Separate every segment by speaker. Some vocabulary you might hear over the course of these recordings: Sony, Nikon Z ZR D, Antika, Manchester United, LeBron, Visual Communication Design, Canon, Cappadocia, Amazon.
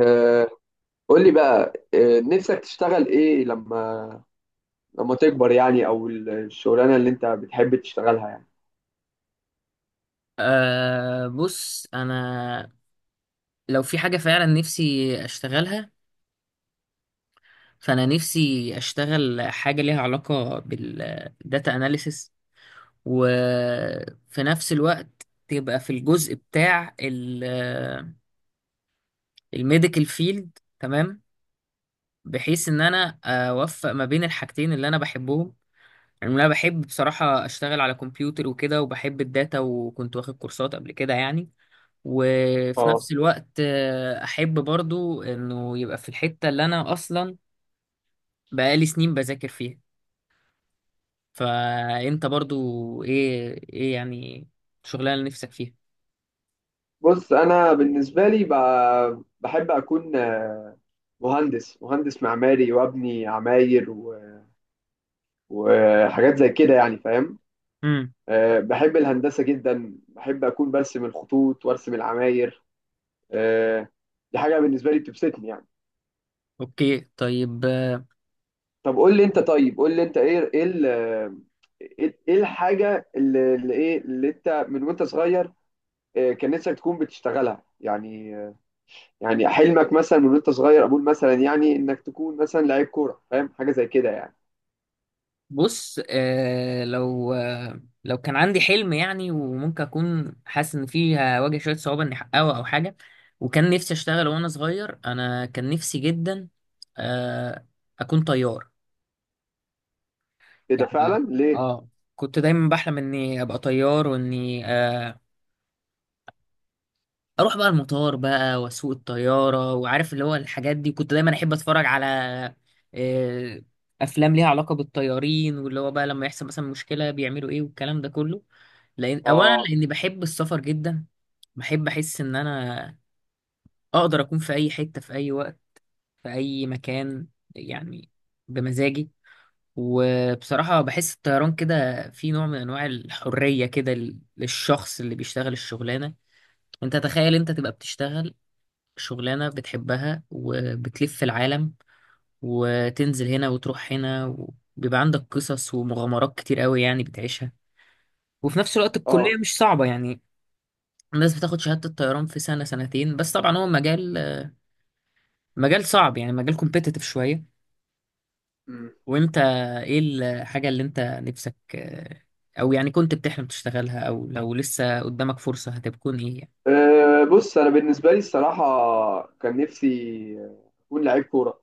Speaker 1: آه، قول لي بقى، آه، نفسك تشتغل ايه لما لما تكبر يعني او الشغلانه اللي انت بتحب تشتغلها يعني؟
Speaker 2: أه بص انا لو في حاجه فعلا نفسي اشتغلها، فانا نفسي اشتغل حاجه ليها علاقه بالداتا اناليسس، وفي نفس الوقت تبقى في الجزء بتاع الميديكال فيلد. تمام، بحيث ان انا اوفق ما بين الحاجتين اللي انا بحبهم. يعني انا بحب بصراحه اشتغل على كمبيوتر وكده، وبحب الداتا وكنت واخد كورسات قبل كده يعني. وفي
Speaker 1: اه،
Speaker 2: نفس الوقت احب برضو انه يبقى في الحتة اللي انا اصلا بقالي سنين بذاكر فيها. فانت برضو ايه يعني الشغلانة اللي نفسك فيها؟
Speaker 1: بص انا بالنسبه لي بحب اكون مهندس معماري وابني عماير وحاجات زي كده يعني، فاهم؟
Speaker 2: امم.
Speaker 1: آه، بحب الهندسه جدا، بحب اكون برسم الخطوط وارسم العماير. آه، دي حاجه بالنسبه لي بتبسطني يعني.
Speaker 2: اوكي، طيب.
Speaker 1: طب قول لي انت، طيب قول لي انت ايه الحاجه اللي اللي انت من وانت صغير آه، كان نفسك تكون بتشتغلها يعني، آه، يعني حلمك مثلا من وانت صغير، اقول مثلا يعني انك تكون مثلا لعيب كوره، فاهم؟ حاجه زي كده يعني.
Speaker 2: بص، لو كان عندي حلم يعني، وممكن اكون حاسس ان فيه هواجه شوية صعوبة اني احققه او حاجة، وكان نفسي اشتغل وانا صغير، انا كان نفسي جدا آه اكون طيار
Speaker 1: ايه ده
Speaker 2: يعني.
Speaker 1: فعلا؟ ليه؟
Speaker 2: اه، كنت دايما بحلم اني ابقى طيار، واني اروح بقى المطار بقى واسوق الطياره، وعارف اللي هو الحاجات دي. كنت دايما احب اتفرج على آه افلام ليها علاقه بالطيارين، واللي هو بقى لما يحصل مثلا مشكله بيعملوا ايه والكلام ده كله. لان اولا
Speaker 1: اه.
Speaker 2: لاني بحب السفر جدا، بحب احس ان انا اقدر اكون في اي حته في اي وقت، في اي مكان يعني، بمزاجي. وبصراحة بحس الطيران كده في نوع من أنواع الحرية كده ل- للشخص اللي بيشتغل الشغلانة. أنت تخيل أنت تبقى بتشتغل شغلانة بتحبها وبتلف في العالم، وتنزل هنا وتروح هنا، وبيبقى عندك قصص ومغامرات كتير قوي يعني بتعيشها. وفي نفس الوقت
Speaker 1: اه.
Speaker 2: الكلية مش صعبة يعني، الناس بتاخد شهادة الطيران في سنة سنتين. بس طبعا هو مجال صعب، يعني مجال كومبيتيتيف شوية.
Speaker 1: مم.
Speaker 2: وانت ايه الحاجة اللي انت نفسك او يعني كنت بتحلم تشتغلها، او لو لسه قدامك فرصة هتكون ايه يعني؟
Speaker 1: آه، بص انا بالنسبه لي الصراحه، كان نفسي آه، اكون لعيب كوره.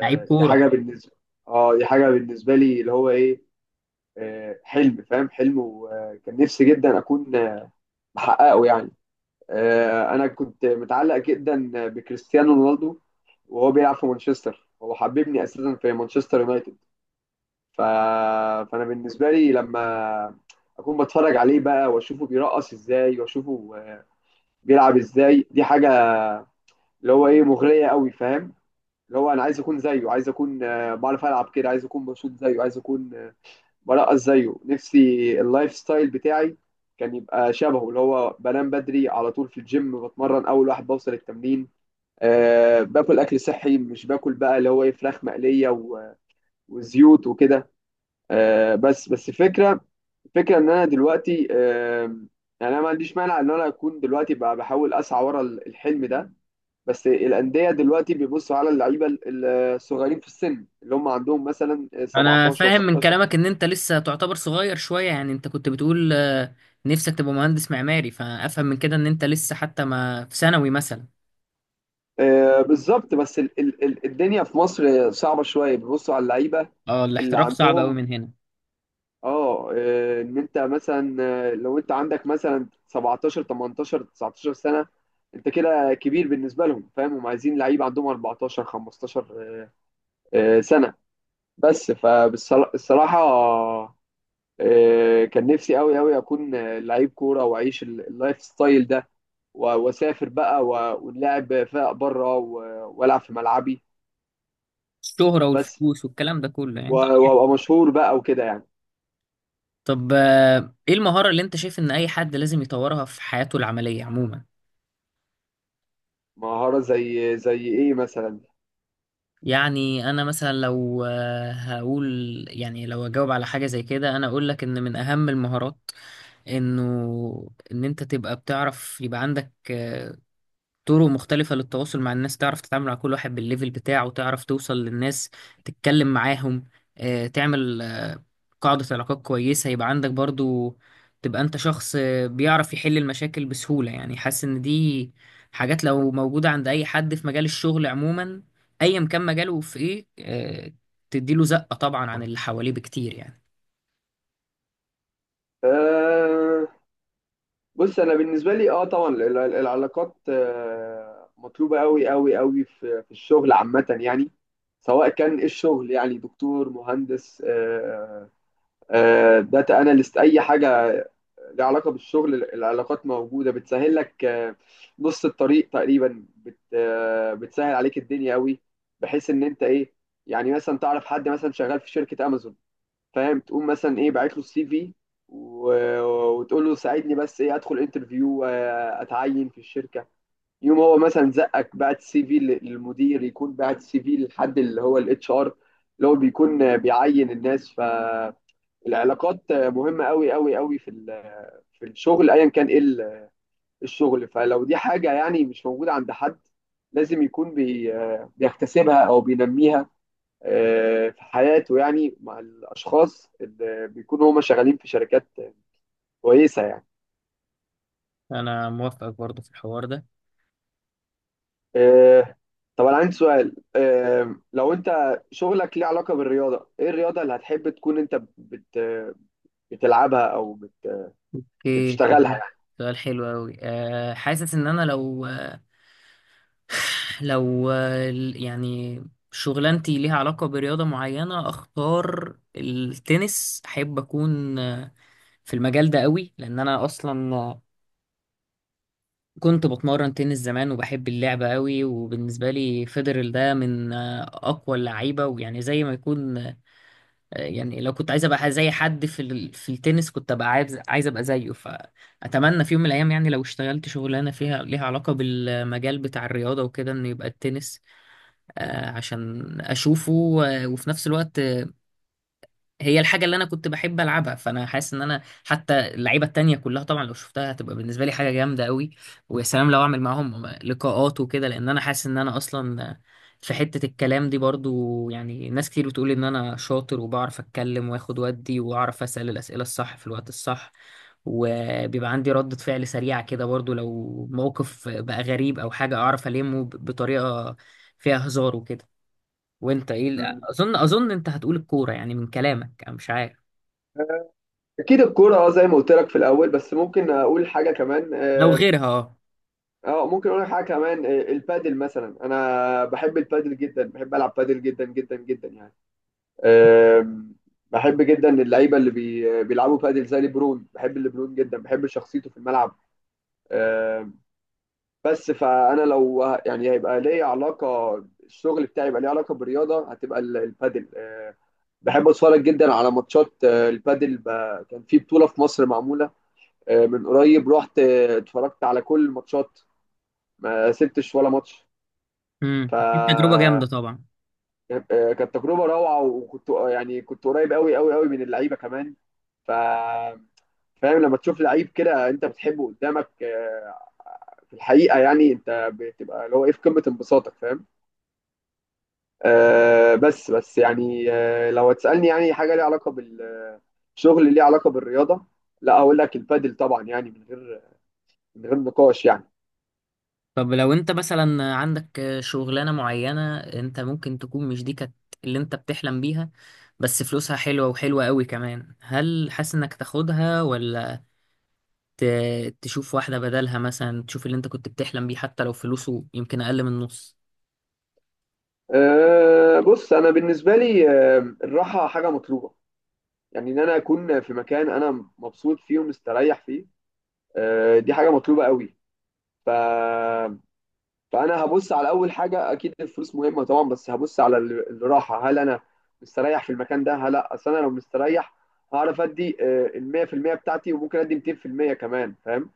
Speaker 2: لعيب
Speaker 1: دي
Speaker 2: كورة!
Speaker 1: حاجه بالنسبه، اه دي حاجه بالنسبه لي اللي هو ايه، آه، حلم، فاهم؟ حلم، وكان نفسي جدا اكون محققه يعني. آه، انا كنت متعلق جدا بكريستيانو رونالدو، وهو بيلعب في مانشستر. هو حببني اساسا في مانشستر يونايتد. ف... فانا بالنسبه لي لما اكون بتفرج عليه بقى واشوفه بيرقص ازاي واشوفه آه، بيلعب ازاي، دي حاجه اللي هو ايه مغريه قوي، فاهم؟ اللي هو انا عايز اكون زيه، عايز اكون آه، بعرف العب كده، عايز اكون بشوط زيه، عايز اكون آه، بلقط زيه. نفسي اللايف ستايل بتاعي كان يبقى شبهه، اللي هو بنام بدري، على طول في الجيم بتمرن، اول واحد بوصل التمرين، أه باكل اكل صحي، مش باكل بقى اللي هو ايه فراخ مقليه وزيوت وكده. أه بس بس الفكره، الفكره ان انا دلوقتي، أه يعني انا ما عنديش مانع ان انا اكون دلوقتي بقى بحاول اسعى ورا الحلم ده. بس الانديه دلوقتي بيبصوا على اللعيبه الصغيرين في السن، اللي هم عندهم مثلا
Speaker 2: انا
Speaker 1: 17،
Speaker 2: فاهم من
Speaker 1: 16.
Speaker 2: كلامك ان انت لسه تعتبر صغير شوية. يعني انت كنت بتقول نفسك تبقى مهندس معماري، فافهم من كده ان انت لسه حتى ما في ثانوي مثلا.
Speaker 1: آه، بالظبط، بس ال الدنيا في مصر صعبة شوية، بيبصوا على اللعيبة
Speaker 2: اه،
Speaker 1: اللي
Speaker 2: الاحتراف صعب قوي
Speaker 1: عندهم،
Speaker 2: من هنا.
Speaker 1: اه آه، ان انت مثلا آه، لو انت عندك مثلا 17، 18، 19 سنة، انت كده كبير بالنسبة لهم، فاهم؟ هم عايزين لعيبة عندهم 14، 15 آه، آه، سنة. بس فبالصراحة كان نفسي قوي قوي اكون آه، لعيب كورة واعيش اللايف ستايل ده، واسافر بقى ونلعب فرق بره والعب في ملعبي،
Speaker 2: الشهرة
Speaker 1: بس
Speaker 2: والفلوس والكلام ده كله، يعني طبيعي.
Speaker 1: وابقى مشهور بقى وكده يعني.
Speaker 2: طب ايه المهارة اللي انت شايف ان اي حد لازم يطورها في حياته العملية عموما؟
Speaker 1: مهارة زي زي ايه مثلا؟
Speaker 2: يعني انا مثلا لو هقول، يعني لو اجاوب على حاجه زي كده انا اقول لك ان من اهم المهارات، انه ان انت تبقى بتعرف، يبقى عندك طرق مختلفة للتواصل مع الناس، تعرف تتعامل مع كل واحد بالليفل بتاعه، تعرف توصل للناس، تتكلم معاهم، تعمل قاعدة علاقات كويسة. يبقى عندك برضو تبقى انت شخص بيعرف يحل المشاكل بسهولة. يعني حاسس ان دي حاجات لو موجودة عند اي حد في مجال الشغل عموما، ايا كان مجاله في ايه، تديله زقة طبعا عن اللي حواليه بكتير يعني.
Speaker 1: آه، بص انا بالنسبة لي، اه طبعا العلاقات آه مطلوبة قوي قوي قوي في في الشغل عامة يعني، سواء كان إيه الشغل، يعني دكتور، مهندس، آه آه داتا اناليست، اي حاجة ليها علاقة بالشغل. العلاقات موجودة بتسهل لك آه نص الطريق تقريبا، آه بتسهل عليك الدنيا قوي، بحيث ان انت ايه، يعني مثلا تعرف حد مثلا شغال في شركة امازون، فاهم؟ تقوم مثلا ايه باعت له السي في، و- وتقول له ساعدني بس ايه ادخل انترفيو، آه، اتعين في الشركه. يوم هو مثلا زقك بعت السي في للمدير، يكون بعت السي في للحد اللي هو الاتش ار، اللي هو بيكون آه، بيعين الناس. فالعلاقات آه، مهمه قوي قوي قوي في آه، في الشغل ايا كان ايه الشغل. فلو دي حاجه يعني مش موجوده عند حد، لازم يكون آه، بيكتسبها او بينميها آه، في حياته، يعني مع الاشخاص اللي بيكونوا هما شغالين في شركات كويسه يعني.
Speaker 2: انا موافقك برضو في الحوار ده.
Speaker 1: آه، طب انا عندي سؤال، آه، لو انت شغلك ليه علاقه بالرياضه، ايه الرياضه اللي هتحب تكون انت بت بتلعبها او بت
Speaker 2: اوكي،
Speaker 1: بتشتغلها
Speaker 2: سؤال.
Speaker 1: يعني؟
Speaker 2: سؤال حلو أوي. أه، حاسس إن أنا لو، لو يعني شغلانتي ليها علاقة برياضة معينة، أختار التنس. أحب أكون في المجال ده قوي، لأن أنا أصلا كنت بتمرن تنس زمان وبحب اللعبة قوي. وبالنسبة لي فيدرل ده من أقوى اللعيبة، ويعني زي ما يكون يعني لو كنت عايز أبقى زي حد في ال- في التنس كنت أبقى عايز أبقى زيه. فأتمنى في يوم من الأيام يعني لو اشتغلت شغلانة فيها ليها علاقة بالمجال بتاع الرياضة وكده، إن يبقى التنس، عشان اشوفه، وفي نفس الوقت هي الحاجه اللي انا كنت بحب العبها. فانا حاسس ان انا حتى اللعيبه التانية كلها طبعا لو شفتها هتبقى بالنسبه لي حاجه جامده قوي. ويا سلام لو اعمل معاهم لقاءات وكده، لان انا حاسس ان انا اصلا في حته الكلام دي برضو، يعني ناس كتير بتقول ان انا شاطر وبعرف اتكلم واخد ودي واعرف اسال الاسئله الصح في الوقت الصح. وبيبقى عندي ردة فعل سريعة كده برضو، لو موقف بقى غريب أو حاجة أعرف ألمه ب- بطريقة فيها هزار وكده. وانت ايه ال-
Speaker 1: مم.
Speaker 2: اظن انت هتقول الكوره يعني من كلامك، انا مش عارف،
Speaker 1: آه، اكيد الكوره، اه، زي ما قلت لك في الاول، بس ممكن اقول حاجه كمان،
Speaker 2: لو
Speaker 1: اه
Speaker 2: غيرها. اه.
Speaker 1: آه، ممكن اقول لك حاجه كمان، آه، البادل مثلا. انا بحب البادل جدا، بحب العب بادل جدا جدا جدا يعني. أم، بحب جدا اللعيبه اللي بيلعبوا بادل زي ليبرون. بحب ليبرون جدا، بحب شخصيته في الملعب. أم، بس فانا لو يعني هيبقى ليا علاقه، الشغل بتاعي يبقى ليه علاقه بالرياضه، هتبقى البادل. أه، بحب اتفرج جدا على ماتشات أه، البادل، كان في بطوله في مصر معموله أه، من قريب، رحت أه، اتفرجت على كل الماتشات، ما سبتش ولا ماتش.
Speaker 2: امم،
Speaker 1: ف
Speaker 2: اكيد تجربه جامده طبعا.
Speaker 1: آه، كانت تجربه روعه، وكنت يعني كنت قريب قوي قوي قوي من اللعيبه كمان. ف فاهم لما تشوف لعيب كده انت بتحبه قدامك، آه، في الحقيقه يعني انت بتبقى اللي هو ايه في قمه انبساطك، فاهم؟ آه بس بس يعني آه لو هتسالني يعني حاجه ليها علاقه بالشغل، ليها علاقه بالرياضه، لا اقول لك البادل طبعا، يعني من غير من غير نقاش يعني.
Speaker 2: طب لو انت مثلا عندك شغلانه معينه، انت ممكن تكون مش دي كانت اللي انت بتحلم بيها، بس فلوسها حلوه وحلوه قوي كمان، هل حاسس انك تاخدها، ولا ت- تشوف واحده بدلها؟ مثلا تشوف اللي انت كنت بتحلم بيه حتى لو فلوسه يمكن اقل من النص.
Speaker 1: آه بص انا بالنسبه لي آه الراحه حاجه مطلوبه، يعني ان انا اكون في مكان انا مبسوط فيه ومستريح فيه، آه دي حاجه مطلوبه قوي. ف فانا هبص على اول حاجه، اكيد الفلوس مهمه طبعا، بس هبص على الراحه. هل انا مستريح في المكان ده هل لا، اصل انا لو مستريح هعرف ادي آه، ال 100% بتاعتي، وممكن ادي 200% كمان، فاهم؟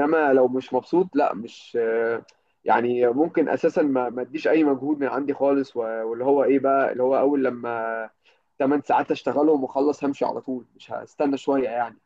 Speaker 1: انما لو مش مبسوط لا، مش آه، يعني ممكن اساسا ما اديش اي مجهود من عندي خالص، واللي هو ايه بقى اللي هو اول لما 8 ساعات اشتغلهم واخلص همشي على طول، مش هستنى شويه يعني.